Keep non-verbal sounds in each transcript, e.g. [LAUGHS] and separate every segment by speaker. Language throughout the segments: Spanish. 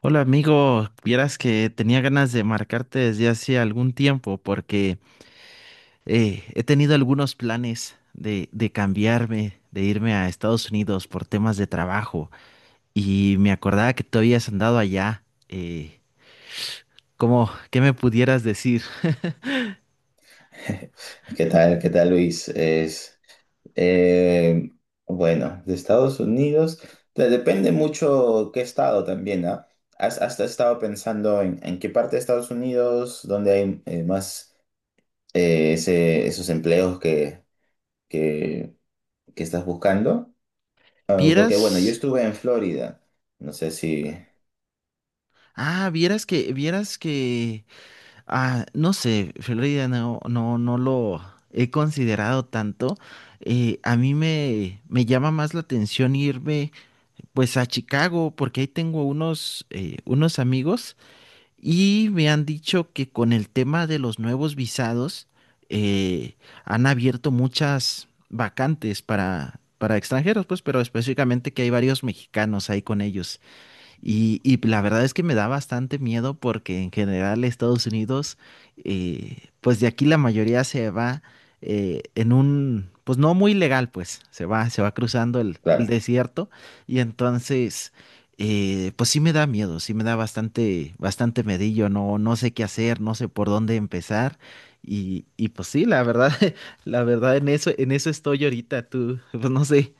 Speaker 1: Hola amigo, vieras que tenía ganas de marcarte desde hace algún tiempo porque he tenido algunos planes de cambiarme, de irme a Estados Unidos por temas de trabajo y me acordaba que tú habías andado allá. Eh, ¿Cómo, qué me pudieras decir?
Speaker 2: [LAUGHS] ¿Qué tal? ¿Qué tal, Luis? Eh, bueno, de Estados Unidos, depende mucho qué estado también, ¿ah? Has estado pensando en qué parte de Estados Unidos, donde hay más esos empleos que, que estás buscando? Ah, porque, bueno, yo
Speaker 1: ¿Vieras?
Speaker 2: estuve en Florida, no sé si,
Speaker 1: Ah, vieras que, ah, no sé, Florida no lo he considerado tanto. Eh, a mí, me llama más la atención irme pues a Chicago, porque ahí tengo unos, unos amigos y me han dicho que con el tema de los nuevos visados eh, han abierto muchas vacantes para extranjeros, pues, pero específicamente que hay varios mexicanos ahí con ellos. Y la verdad es que me da bastante miedo porque en general Estados Unidos, pues de aquí la mayoría se va en un, pues no muy legal, pues se va cruzando el
Speaker 2: claro.
Speaker 1: desierto y entonces, pues sí me da miedo, sí me da bastante, bastante medillo, no, no sé qué hacer, no sé por dónde empezar y pues sí, la verdad, [LAUGHS] la verdad en eso estoy ahorita, tú, pues no sé.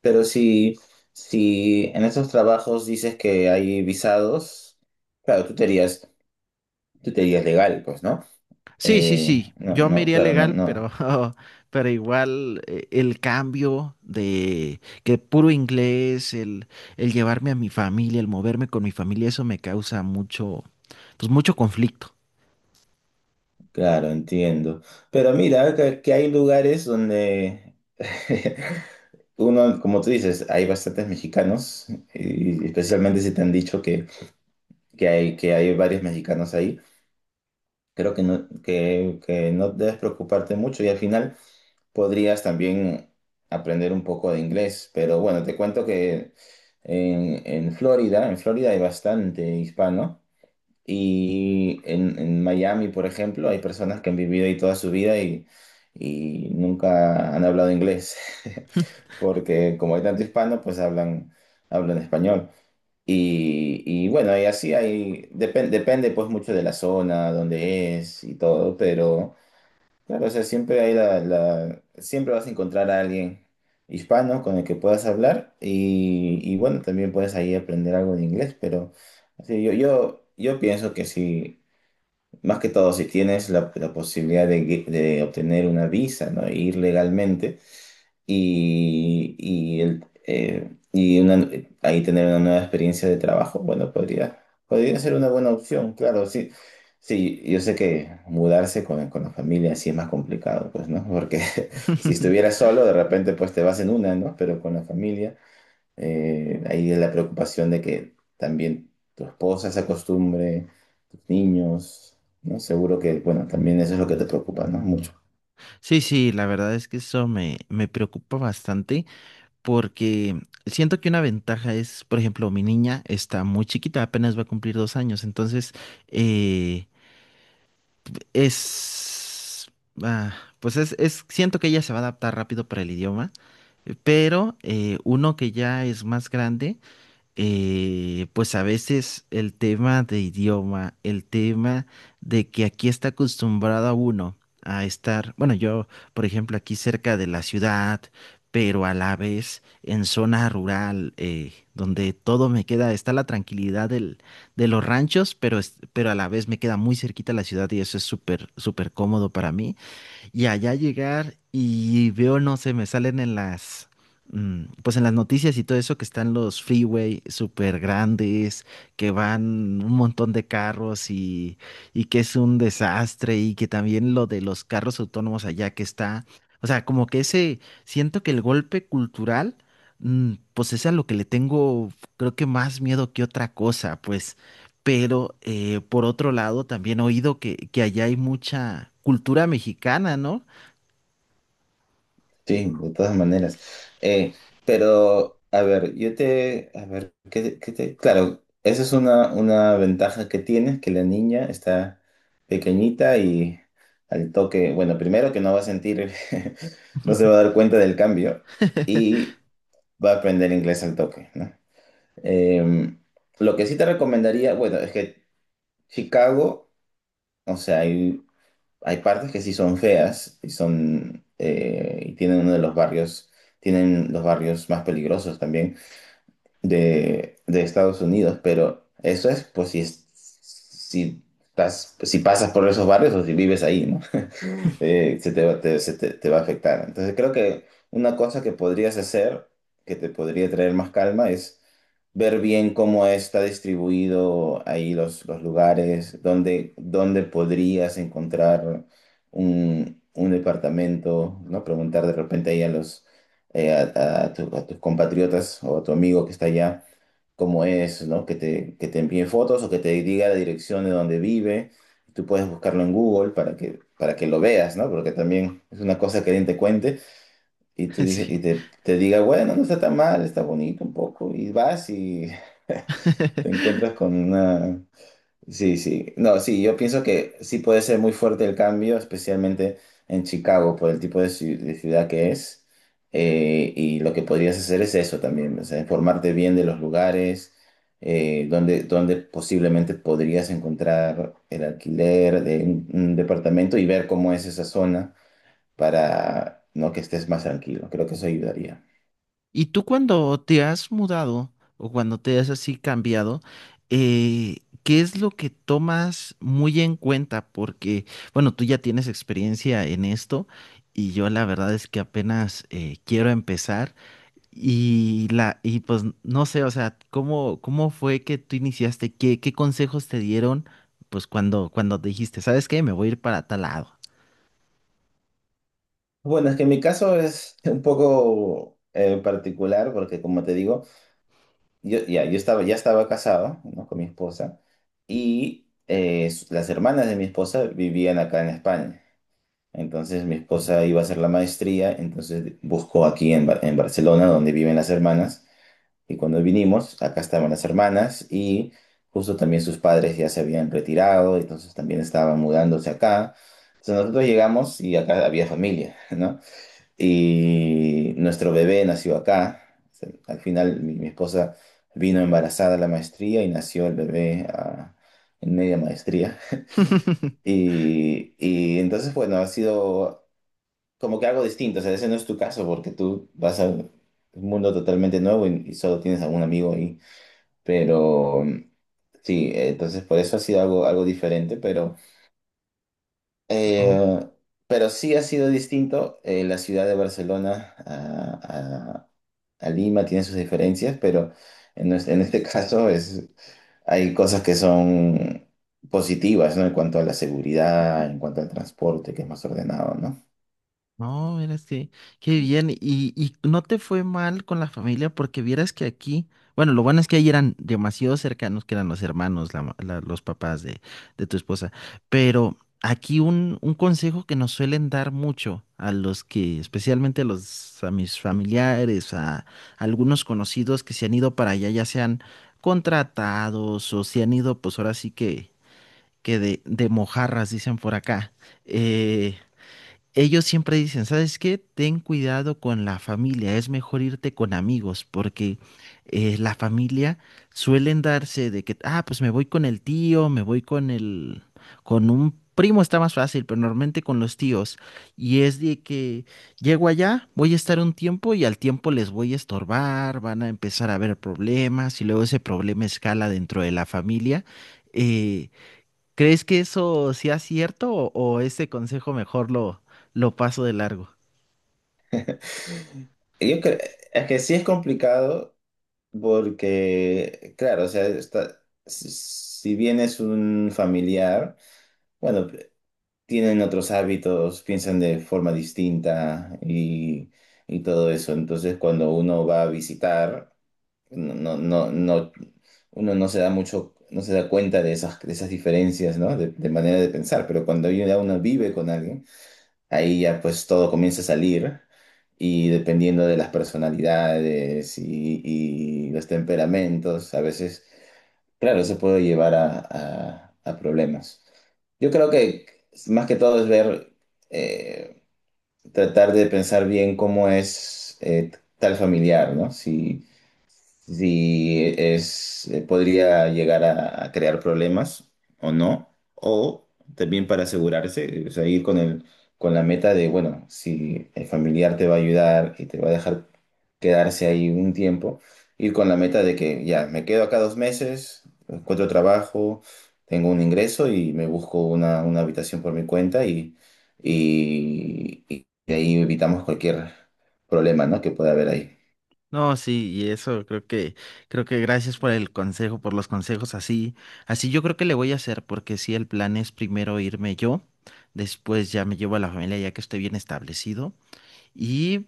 Speaker 2: Pero si en esos trabajos dices que hay visados, claro, tú te irías Tú te dirías legal, pues, ¿no?
Speaker 1: Sí, sí, sí. Yo me
Speaker 2: No,
Speaker 1: iría
Speaker 2: claro, no,
Speaker 1: legal, pero,
Speaker 2: no.
Speaker 1: [LAUGHS] pero igual el cambio de que puro inglés, el llevarme a mi familia, el moverme con mi familia, eso me causa mucho, pues mucho conflicto.
Speaker 2: Claro, entiendo. Pero mira, que hay lugares donde [LAUGHS] uno, como tú dices, hay bastantes mexicanos, y especialmente si te han dicho que hay varios mexicanos ahí. Creo que no, que no debes preocuparte mucho y al final podrías también aprender un poco de inglés. Pero bueno, te cuento que en Florida hay bastante hispano. Y en Miami, por ejemplo, hay personas que han vivido ahí toda su vida y nunca han hablado inglés, [LAUGHS] porque como hay tanto hispano, pues hablan, hablan español. Y bueno, y así hay, depende pues mucho de la zona, donde es y todo, pero... Claro, o sea, siempre hay siempre vas a encontrar a alguien hispano con el que puedas hablar y bueno, también puedes ahí aprender algo de inglés. Pero sí, yo pienso que si, más que todo, si tienes la posibilidad de obtener una visa, ¿no? E ir legalmente, y, y, el- eh, y una- ahí tener una nueva experiencia de trabajo. Bueno, podría, podría ser una buena opción, claro, sí. Sí, yo sé que mudarse con la familia sí es más complicado, pues, ¿no? Porque [LAUGHS] si
Speaker 1: [LAUGHS]
Speaker 2: estuvieras solo, de repente, pues te vas en una, ¿no? Pero con la familia, ahí es la preocupación de que también tu esposa se acostumbre, tus niños, ¿no? Seguro que, bueno, también eso es lo que te preocupa, ¿no? Mucho.
Speaker 1: Sí, sí, la verdad es que eso, me preocupa bastante porque siento que una ventaja es, por ejemplo, mi niña está muy chiquita, apenas va a cumplir 2 años, entonces, eh, Es, ah, pues es, siento que ella se va a adaptar rápido para el idioma, pero uno que ya es más grande pues a veces el tema de idioma, el tema de que aquí está acostumbrado a uno a estar, bueno, yo, por ejemplo, aquí cerca de la ciudad, pero a la vez en zona rural, donde todo me queda, está la tranquilidad del, de los ranchos, pero, pero a la vez me queda muy cerquita la ciudad y eso es súper, súper cómodo para mí. Y allá llegar y veo, no sé, me salen en las, pues en las noticias y todo eso que están los freeway súper grandes, que van un montón de carros y que es un desastre y que también lo de los carros autónomos allá que está, o sea, como que ese, siento que el golpe cultural, pues es a lo que le tengo, creo que más miedo que otra cosa, pues. Pero por otro lado, también he oído que allá hay mucha cultura mexicana, ¿no?
Speaker 2: Sí, de todas maneras. Eh, pero, a ver, yo te, a ver, qué te- claro, esa es una ventaja que tienes, que la niña está pequeñita y al toque. Bueno, primero que no va a sentir, [LAUGHS] no se va a dar cuenta del cambio
Speaker 1: [LAUGHS]
Speaker 2: y va a aprender inglés al toque, ¿no? Em, lo que sí te recomendaría, bueno, es que Chicago, o sea, hay hay partes que sí son feas y son y tienen uno de los barrios, tienen los barrios más peligrosos también de Estados Unidos. Pero eso es pues si, si, si pasas por esos barrios o si vives ahí, ¿no? [LAUGHS] Se te va, te, se te- te va a afectar. Entonces creo que una cosa que podrías hacer, que te podría traer más calma, es ver bien cómo está distribuido ahí los lugares, dónde, dónde podrías encontrar un departamento, ¿no? Preguntar de repente ahí a los a a tus compatriotas o a tu amigo que está allá, cómo es, ¿no? Que te envíe fotos o que te diga la dirección de donde vive. Tú puedes buscarlo en Google para para que lo veas, ¿no? Porque también es una cosa que alguien te cuente y tú dije, y
Speaker 1: Sí.
Speaker 2: te diga, bueno, no está tan mal, está bonito un poco. Y vas y [LAUGHS] te
Speaker 1: [LAUGHS]
Speaker 2: encuentras con una. Sí, sí. No, sí, yo pienso que sí puede ser muy fuerte el cambio, especialmente en Chicago, por el tipo de, de ciudad que es. Y lo que podrías hacer es eso también, o sea, informarte bien de los lugares, donde, donde posiblemente podrías encontrar el alquiler de un departamento y ver cómo es esa zona para no que estés más tranquilo. Creo que eso ayudaría.
Speaker 1: ¿Y tú cuando te has mudado o cuando te has así cambiado, qué es lo que tomas muy en cuenta? Porque, bueno, tú ya tienes experiencia en esto y yo la verdad es que apenas quiero empezar y la y pues no sé, o sea, ¿cómo fue que tú iniciaste? ¿Qué consejos te dieron pues cuando dijiste, ¿sabes qué? Me voy a ir para tal lado.
Speaker 2: Bueno, es que mi caso es [LAUGHS] un poco particular porque, como te digo, yo estaba, ya estaba casado, ¿no? Con mi esposa y las hermanas de mi esposa vivían acá en España. Entonces mi esposa iba a hacer la maestría, entonces buscó aquí en, en Barcelona, donde viven las hermanas. Y cuando vinimos, acá estaban las hermanas y justo también sus padres ya se habían retirado, entonces también estaban mudándose acá. Entonces nosotros llegamos y acá había familia, ¿no? Y nuestro bebé nació acá. O sea, al final mi esposa vino embarazada a la maestría y nació el bebé ah, en media maestría.
Speaker 1: [LAUGHS]
Speaker 2: Y entonces, bueno, ha sido como que algo distinto. O sea, ese no es tu caso porque tú vas a un mundo totalmente nuevo y solo tienes a un amigo ahí. Pero sí, entonces por eso ha sido algo, algo diferente,
Speaker 1: Oh.
Speaker 2: Eh, pero sí ha sido distinto. Eh, la ciudad de Barcelona a, a Lima tiene sus diferencias, pero en, en este [LAUGHS] caso es, hay cosas que son positivas, ¿no? En cuanto a la seguridad, en cuanto al transporte, que es más ordenado, ¿no?
Speaker 1: No, mira, que, qué bien. Y no te fue mal con la familia porque vieras que aquí, bueno, lo bueno es que ahí eran demasiado cercanos, que eran los hermanos, los papás de tu esposa. Pero aquí un consejo que nos suelen dar mucho a los que, especialmente a los, a mis familiares, a, algunos conocidos que se han ido para allá, ya sean contratados o se han ido, pues ahora sí que de mojarras, dicen por acá. eh, Ellos siempre dicen, ¿sabes qué? Ten cuidado con la familia, es mejor irte con amigos, porque la familia suelen darse de que, ah, pues me voy con el tío, me voy con el, con un primo está más fácil, pero normalmente con los tíos. Y es de que llego allá, voy a estar un tiempo y al tiempo les voy a estorbar, van a empezar a haber problemas y luego ese problema escala dentro de la familia. Eh, ¿Crees que eso sea cierto o ese consejo mejor lo paso de largo?
Speaker 2: [LAUGHS] Yo creo es que sí es complicado porque, claro, o sea, si si bien es un familiar, bueno, tienen otros hábitos, piensan de forma distinta y todo eso. Entonces, cuando uno va a visitar, no, no, no, no- uno no se da mucho, no se da cuenta de esas diferencias, ¿no? De manera de pensar. Pero cuando ya uno vive con alguien, ahí ya pues todo comienza a salir. Y dependiendo de las personalidades y los temperamentos, a veces claro, eso puede llevar a, a problemas. Yo creo que más que todo es ver, eh, tratar de pensar bien cómo es tal familiar, ¿no? Si, si es, podría llegar a crear problemas o no. O también para asegurarse, o sea, ir con la meta de, bueno, si el familiar te va a ayudar y te va a dejar quedarse ahí un tiempo, ir con la meta de que ya, me quedo acá 2 meses, encuentro trabajo, tengo un ingreso y me busco una habitación por mi cuenta y de ahí evitamos cualquier problema, ¿no? Que pueda haber ahí.
Speaker 1: No, sí, y eso creo que gracias por el consejo, por los consejos así. Así yo creo que le voy a hacer, porque sí, el plan es primero irme yo, después ya me llevo a la familia ya que estoy bien establecido. Y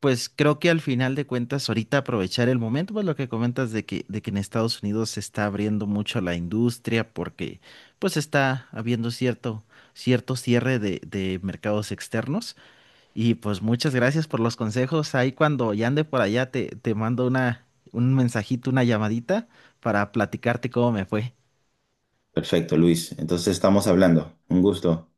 Speaker 1: pues creo que al final de cuentas, ahorita aprovechar el momento, pues lo que comentas de que en Estados Unidos se está abriendo mucho la industria porque pues está habiendo cierto, cierto cierre de mercados externos. Y pues muchas gracias por los consejos. Ahí cuando ya ande por allá te, te mando una, un mensajito, una llamadita para platicarte cómo me fue.
Speaker 2: Perfecto, Luis. Entonces estamos hablando. Un gusto.